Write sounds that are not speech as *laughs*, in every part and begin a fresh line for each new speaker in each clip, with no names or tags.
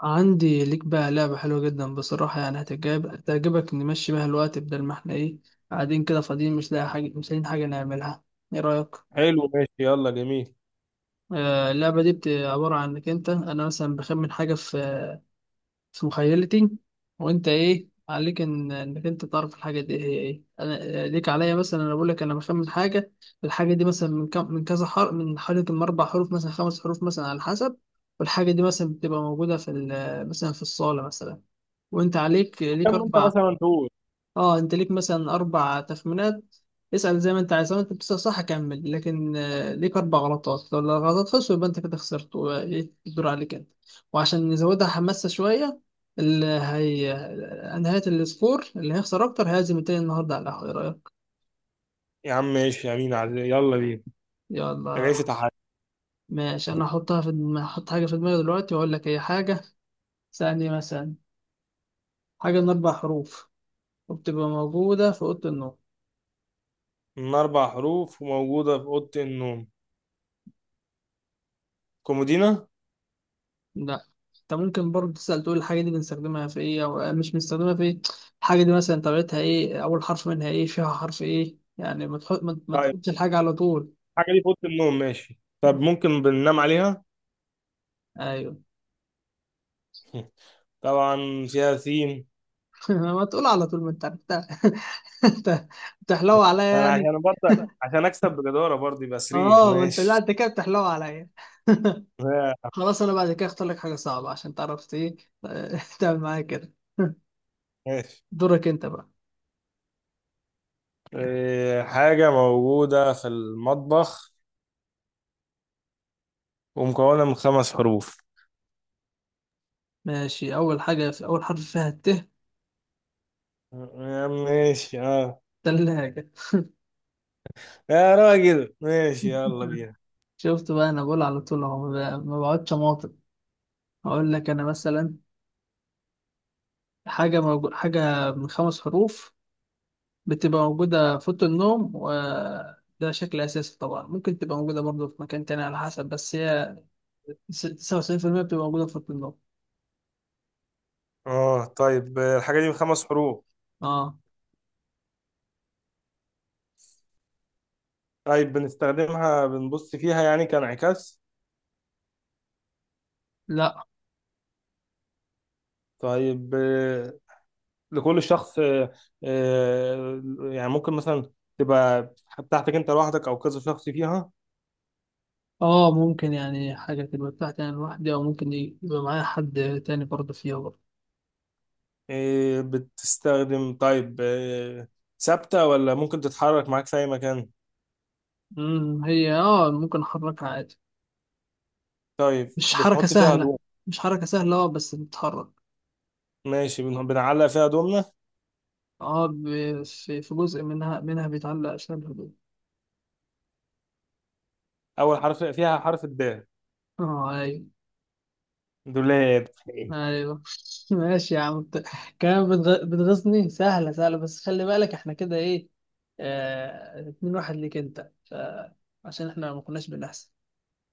عندي ليك بقى لعبة حلوة جدا بصراحة، يعني هتعجبك. نمشي بيها الوقت بدل ما احنا ايه قاعدين كده فاضيين، مش لاقيين حاجة نعملها. ايه رأيك؟
حلو، ماشي، يلا، جميل.
آه، اللعبة دي عبارة عن انك انت، انا مثلا بخمن حاجة في مخيلتي. وانت ايه عليك انك انت تعرف الحاجة دي هي ايه. انا ليك عليا، مثلا انا بقول لك انا بخمن حاجة. الحاجة دي مثلا من كم من كذا حرف من حوالي من اربع حروف مثلا، خمس حروف مثلا، على حسب. والحاجة دي مثلا بتبقى موجودة مثلا في الصالة مثلا. وانت عليك ليك
كم انت
اربع.
مثلا تقول؟
اه انت ليك مثلا اربع تخمينات. اسأل زي ما انت عايز، لو انت بتسأل صح كمل، لكن ليك اربع غلطات. لو الغلطات خلصوا يبقى انت كده خسرت، وايه، الدور عليك انت. وعشان نزودها حماسة شوية، اللي هي آه، نهاية السكور اللي هيخسر اكتر هيعزم التاني النهارده على القهوة. ايه رأيك؟
يا عم ماشي، يا مين عزيز، يلا بينا. ده
يلا،
جاي في تحدي.
ماشي. انا هحط حاجة في دماغي دلوقتي واقول لك هي حاجة. ثانية مثلا. حاجة من اربع حروف، وبتبقى موجودة في أوضة النوم.
من اربع حروف وموجوده في اوضه النوم. كومودينا.
ده انت ممكن برضه تسأل، تقول الحاجة دي بنستخدمها في ايه او مش بنستخدمها في ايه. الحاجة دي مثلا طبيعتها ايه، اول حرف منها ايه، فيها حرف ايه. يعني ما تحط ما ما
طيب،
تقولش الحاجة على طول.
الحاجه دي في اوضه النوم، ماشي. طب ممكن بننام عليها؟
ايوه.
*laughs* طبعا، فيها سين.
*laughs* ما تقول على طول، ما انت عرفتها. *laughs* انت بتحلو عليا
انا
يعني.
عشان برضه، عشان اكسب بجداره برضه، يبقى سرير،
اه، ما انت لا،
ماشي.
انت كده بتحلو عليا. *laughs*
*laughs*
خلاص، انا بعد كده اختار لك حاجة صعبة عشان تعرف ايه. *laughs* تعمل معايا كده. *laughs*
ماشي.
دورك انت بقى.
إيه، حاجه موجوده في المطبخ ومكونه من خمس حروف.
ماشي، اول حاجة في اول حرف فيها الت.
آه، ماشي، اه.
ثلاجة.
يا راجل، ماشي، يلا
*laughs*
بينا.
شفت بقى، انا بقول على طول اهو، ما بقعدش اماطل. اقول لك انا مثلا حاجه من خمس حروف، بتبقى موجوده في اوضه النوم، وده شكل اساسي طبعا. ممكن تبقى موجوده برضه في مكان تاني على حسب، بس هي س- 99% بتبقى موجوده في اوضه النوم.
اه، طيب، الحاجة دي بخمس حروف؟
اه،
طيب بنستخدمها بنبص فيها يعني كانعكاس؟
لا،
طيب، لكل شخص، آه، يعني ممكن مثلا تبقى بتاعتك انت لوحدك او كذا شخص فيها؟
اه ممكن يعني، حاجه تبقى بتاعتي انا لوحدي او ممكن يبقى معايا حد تاني برضه فيها برضه.
بتستخدم، طيب، ثابتة ولا ممكن تتحرك معاك في اي مكان؟
هي اه ممكن احركها عادي.
طيب
مش حركه
بتحط فيها
سهله
هدوم؟
مش حركه سهله اه بس بتتحرك.
ماشي، بنعلق فيها هدومنا.
اه، في جزء منها بيتعلق أسنان الهدوم.
اول حرف فيها حرف الدال؟
اه، أيوه،
دولاب.
أيوه. *laughs* ماشي يا عم، كمان بتغيظني. سهلة سهلة، بس خلي بالك احنا كده ايه. اتنين واحد ليك انت. عشان احنا ما كناش بنحسب،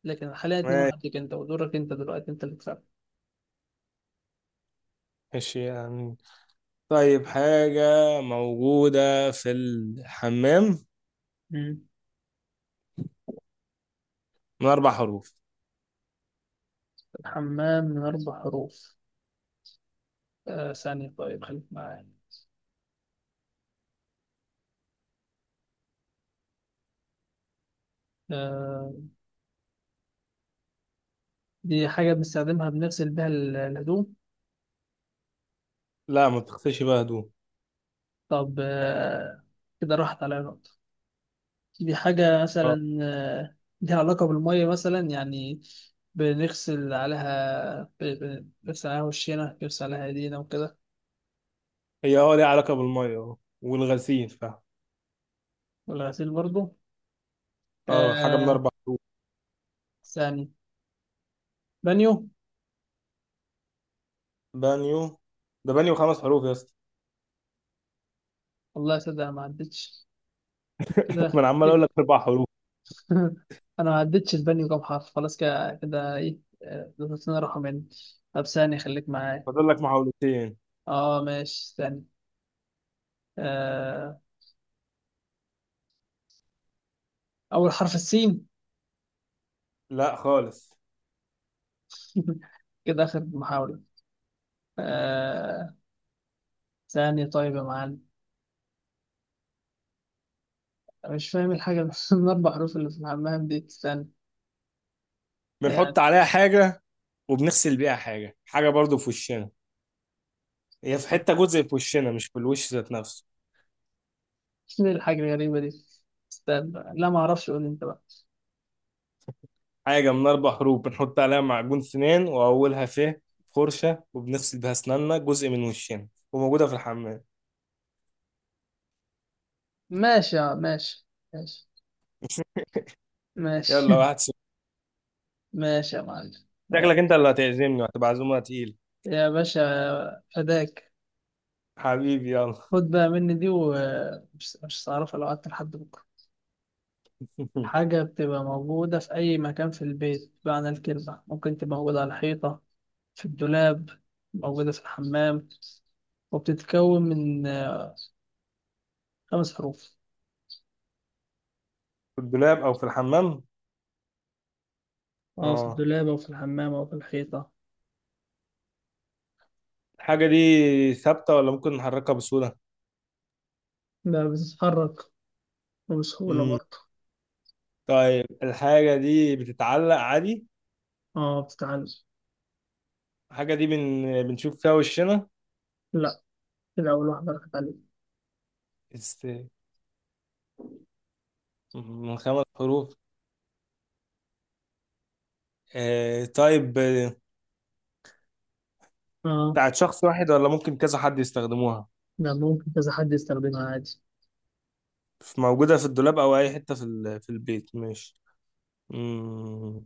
لكن حاليا اتنين واحد ليك انت، ودورك انت دلوقتي، انت اللي كسبت.
ماشي يعني. طيب، حاجة موجودة في الحمام
مم.
من أربع حروف.
الحمام من أربع حروف. ثانية، طيب خليك معايا. آه... دي حاجة بنستخدمها، بنغسل بيها الهدوم.
لا، ما بتغسلش بيها هدوم.
طب، كده راحت عليا نقطة. دي حاجة
اه،
مثلا ليها علاقة بالمية مثلا يعني. بنغسل عليها وشنا، بنغسل عليها ايدينا، وكده.
هي اه ليها علاقة بالمية، اه، والغسيل فاهم.
والغسيل برضو.
اه، حاجة من
آه،
أربع.
ثاني. بانيو.
بانيو. ده بانيو خمس حروف يا اسطى.
والله صدق، انا ما عدتش.
*laughs* ما
كده
أنا عمال أقول
كده.
لك أربع حروف.
*laughs* انا ما عدتش البانيو كام حرف. خلاص كده كده، ايه، ضغطتنا رقم يعني. طب، ثاني، خليك معايا.
فاضل لك محاولتين.
اه ماشي، ثاني. آه، اول حرف السين.
لا خالص.
*laughs* كده اخر محاولة. آه، ثاني. طيب يا معلم، أنا مش فاهم الحاجة اللي *laughs* من أربع حروف اللي في الحمام دي. استنى يعني.
بنحط عليها حاجة وبنغسل بيها حاجة، حاجة برضو في وشنا. هي في حتة، جزء في وشنا، مش في الوش ذات نفسه.
شنو الحاجة الغريبة دي. استنى بقى. لا، ما أعرفش، قول أنت بقى.
حاجة من أربع حروف، بنحط عليها معجون سنان وأولها ف، فرشة، وبنغسل بيها أسناننا، جزء من وشنا، وموجودة في الحمام.
ماشي ماشي، ماشي، ماشي.
يلا، 1-0.
*laughs* ماشي يا معلم.
شكلك أنت اللي هتعزمني وهتبقى عزومة تقيلة.
يا باشا، فداك.
حبيبي، يلا.
خد بقى مني دي، ومش مش هتعرفها لو قعدت لحد بكرة.
*laughs*
حاجة بتبقى موجودة في أي مكان في البيت بمعنى الكلمة. ممكن تبقى موجودة على الحيطة، في الدولاب، موجودة في الحمام، وبتتكون من خمس حروف.
في الدولاب أو في الحمام؟
اه، في
أه،
الدولاب، او في الحمام، او في الحيطة.
الحاجة دي ثابتة ولا ممكن نحركها بسهولة؟
لا، بتتحرك، وبسهولة
مم.
برضه.
طيب، الحاجة دي بتتعلق عادي؟
اه، بتتعلم.
الحاجة دي بنشوف فيها وشنا؟
لا، كده أول واحدة راحت عليك.
است... من خمس حروف. طيب،
اه،
بتاعت شخص واحد ولا ممكن كذا حد يستخدموها؟
ده ممكن كذا حد يستخدمها عادي.
موجودة في الدولاب أو أي حتة في البيت، ماشي. مم.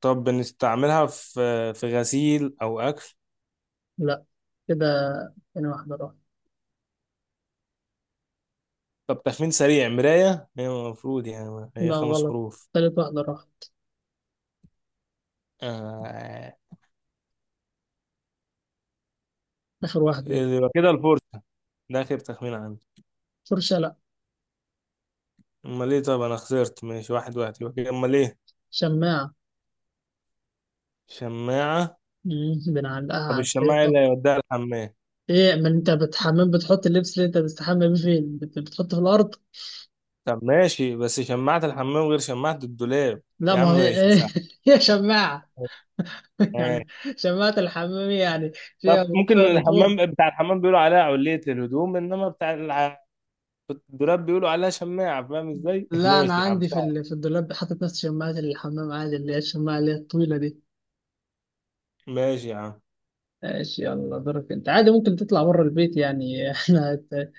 طب بنستعملها في غسيل أو أكل؟
لا، كده تاني واحدة راحت.
طب تخمين سريع، مراية، هي المفروض يعني هي
لا،
خمس
غلط،
حروف.
تالت واحدة راحت.
آه.
آخر واحدة دي.
يبقى كده الفرصة. ده آخر تخمين عندي.
فرشة؟ لا.
أمال إيه؟ طب أنا خسرت، ماشي، واحد واحد، يبقى كده، أمال إيه؟
شماعة.
شماعة.
مم، بنعلقها
طب
على
الشماعة إيه
الحيطة.
اللي هيوديها الحمام؟
ايه، ما انت بتحمم، بتحط اللبس اللي انت بتستحمى بيه فين؟ بتحطه في الأرض.
طب، ماشي، بس شماعة الحمام غير شماعة الدولاب.
لا،
يا
ما
عم
هي
ماشي.
ايه *laughs* هي شماعة.
صح.
*laughs* يعني شماعة الحمام، يعني
طب
فيها
ممكن
فيها موتور.
الحمام، بتاع الحمام بيقولوا عليها علية للهدوم، انما بتاع الدولاب بيقولوا عليها شماعة، فاهم ازاي؟ *laughs*
لا،
ماشي
انا
يا عم،
عندي
صعب.
في الدولاب حاطط نفس شماعه الحمام عادي، اللي هي الشماعه، اللي هي الطويله دي.
ماشي يا عم،
ماشي، يلا دورك انت. عادي ممكن تطلع بره البيت يعني. *laughs* احنا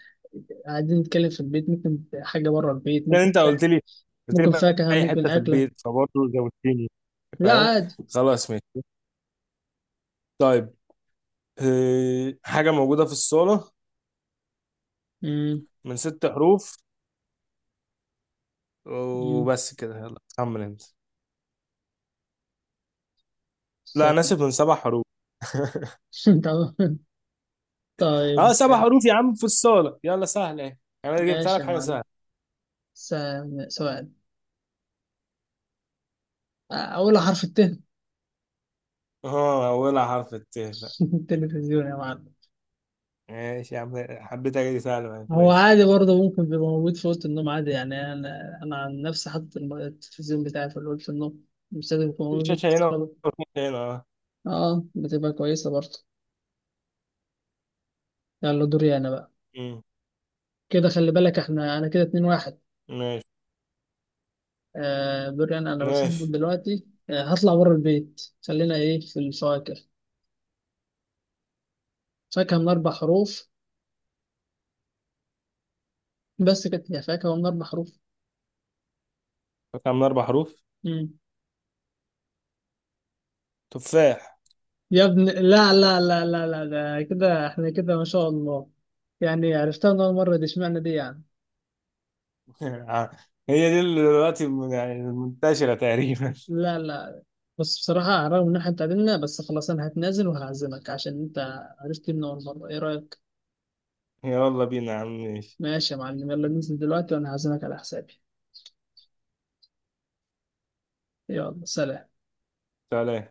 قاعدين نتكلم في البيت، ممكن حاجه بره البيت.
لان
ممكن
انت قلت لي قلت لي
ممكن
في
فاكهه،
اي
ممكن
حتة في
اكله.
البيت، فبرضه زودتني.
لا،
فاهم؟
عادي.
خلاص، ماشي. طيب، حاجة موجودة في الصالة.
امم
من ست حروف.
امم
وبس كده، يلا كمل انت. لا انا
سهل.
اسف، من سبع حروف. *laughs*
*laughs* تمام. طيب،
اه، سبع حروف يا عم في الصالة، يلا سهلة ايه. انا جبت
ماشي
لك
يا
حاجة
معلم.
سهلة.
س- سؤال. اول حرف الت. *laughs*
اه، اولها حرف الت.
التلفزيون يا معلم.
ماشي يا عم. حبيت اجي سهل معاك،
هو
ماشي.
عادي برضه، ممكن بيبقى موجود في اوضه النوم عادي يعني. انا عن نفسي حاطط التلفزيون بتاعي في اوضه النوم، مش لازم يكون موجود في
شاشة هنا
الصالة.
وشاشة هنا، اه.
اه، بتبقى كويسه برضه. يلا دوري انا بقى.
أمم.
كده خلي بالك، انا كده اتنين واحد.
ماشي.
آه، دوري انا بسبب
ماشي.
دلوقتي هطلع بره البيت. خلينا ايه في الفواكه. فاكهه من اربع حروف. بس كانت هي فاكهه من اربع حروف.
فاكهة من أربع حروف.
مم.
تفاح.
يا ابن، لا، لا، لا، لا، لا، ده كده احنا كده ما شاء الله. يعني عرفتها من اول مره، دي اشمعنى دي يعني.
*laughs* هي دي اللي دلوقتي، يعني منتشرة تقريبا.
لا، لا. بس بصراحة رغم إن إحنا اتعادلنا، بس خلاص أنا هتنازل وهعزمك عشان أنت عرفت من أول مرة. إيه رأيك؟
*laughs* يلا بينا يا عم، ماشي.
ماشي يا معلم، يلا ننزل دلوقتي وأنا هعزمك على حسابي. يلا، سلام.
سلام.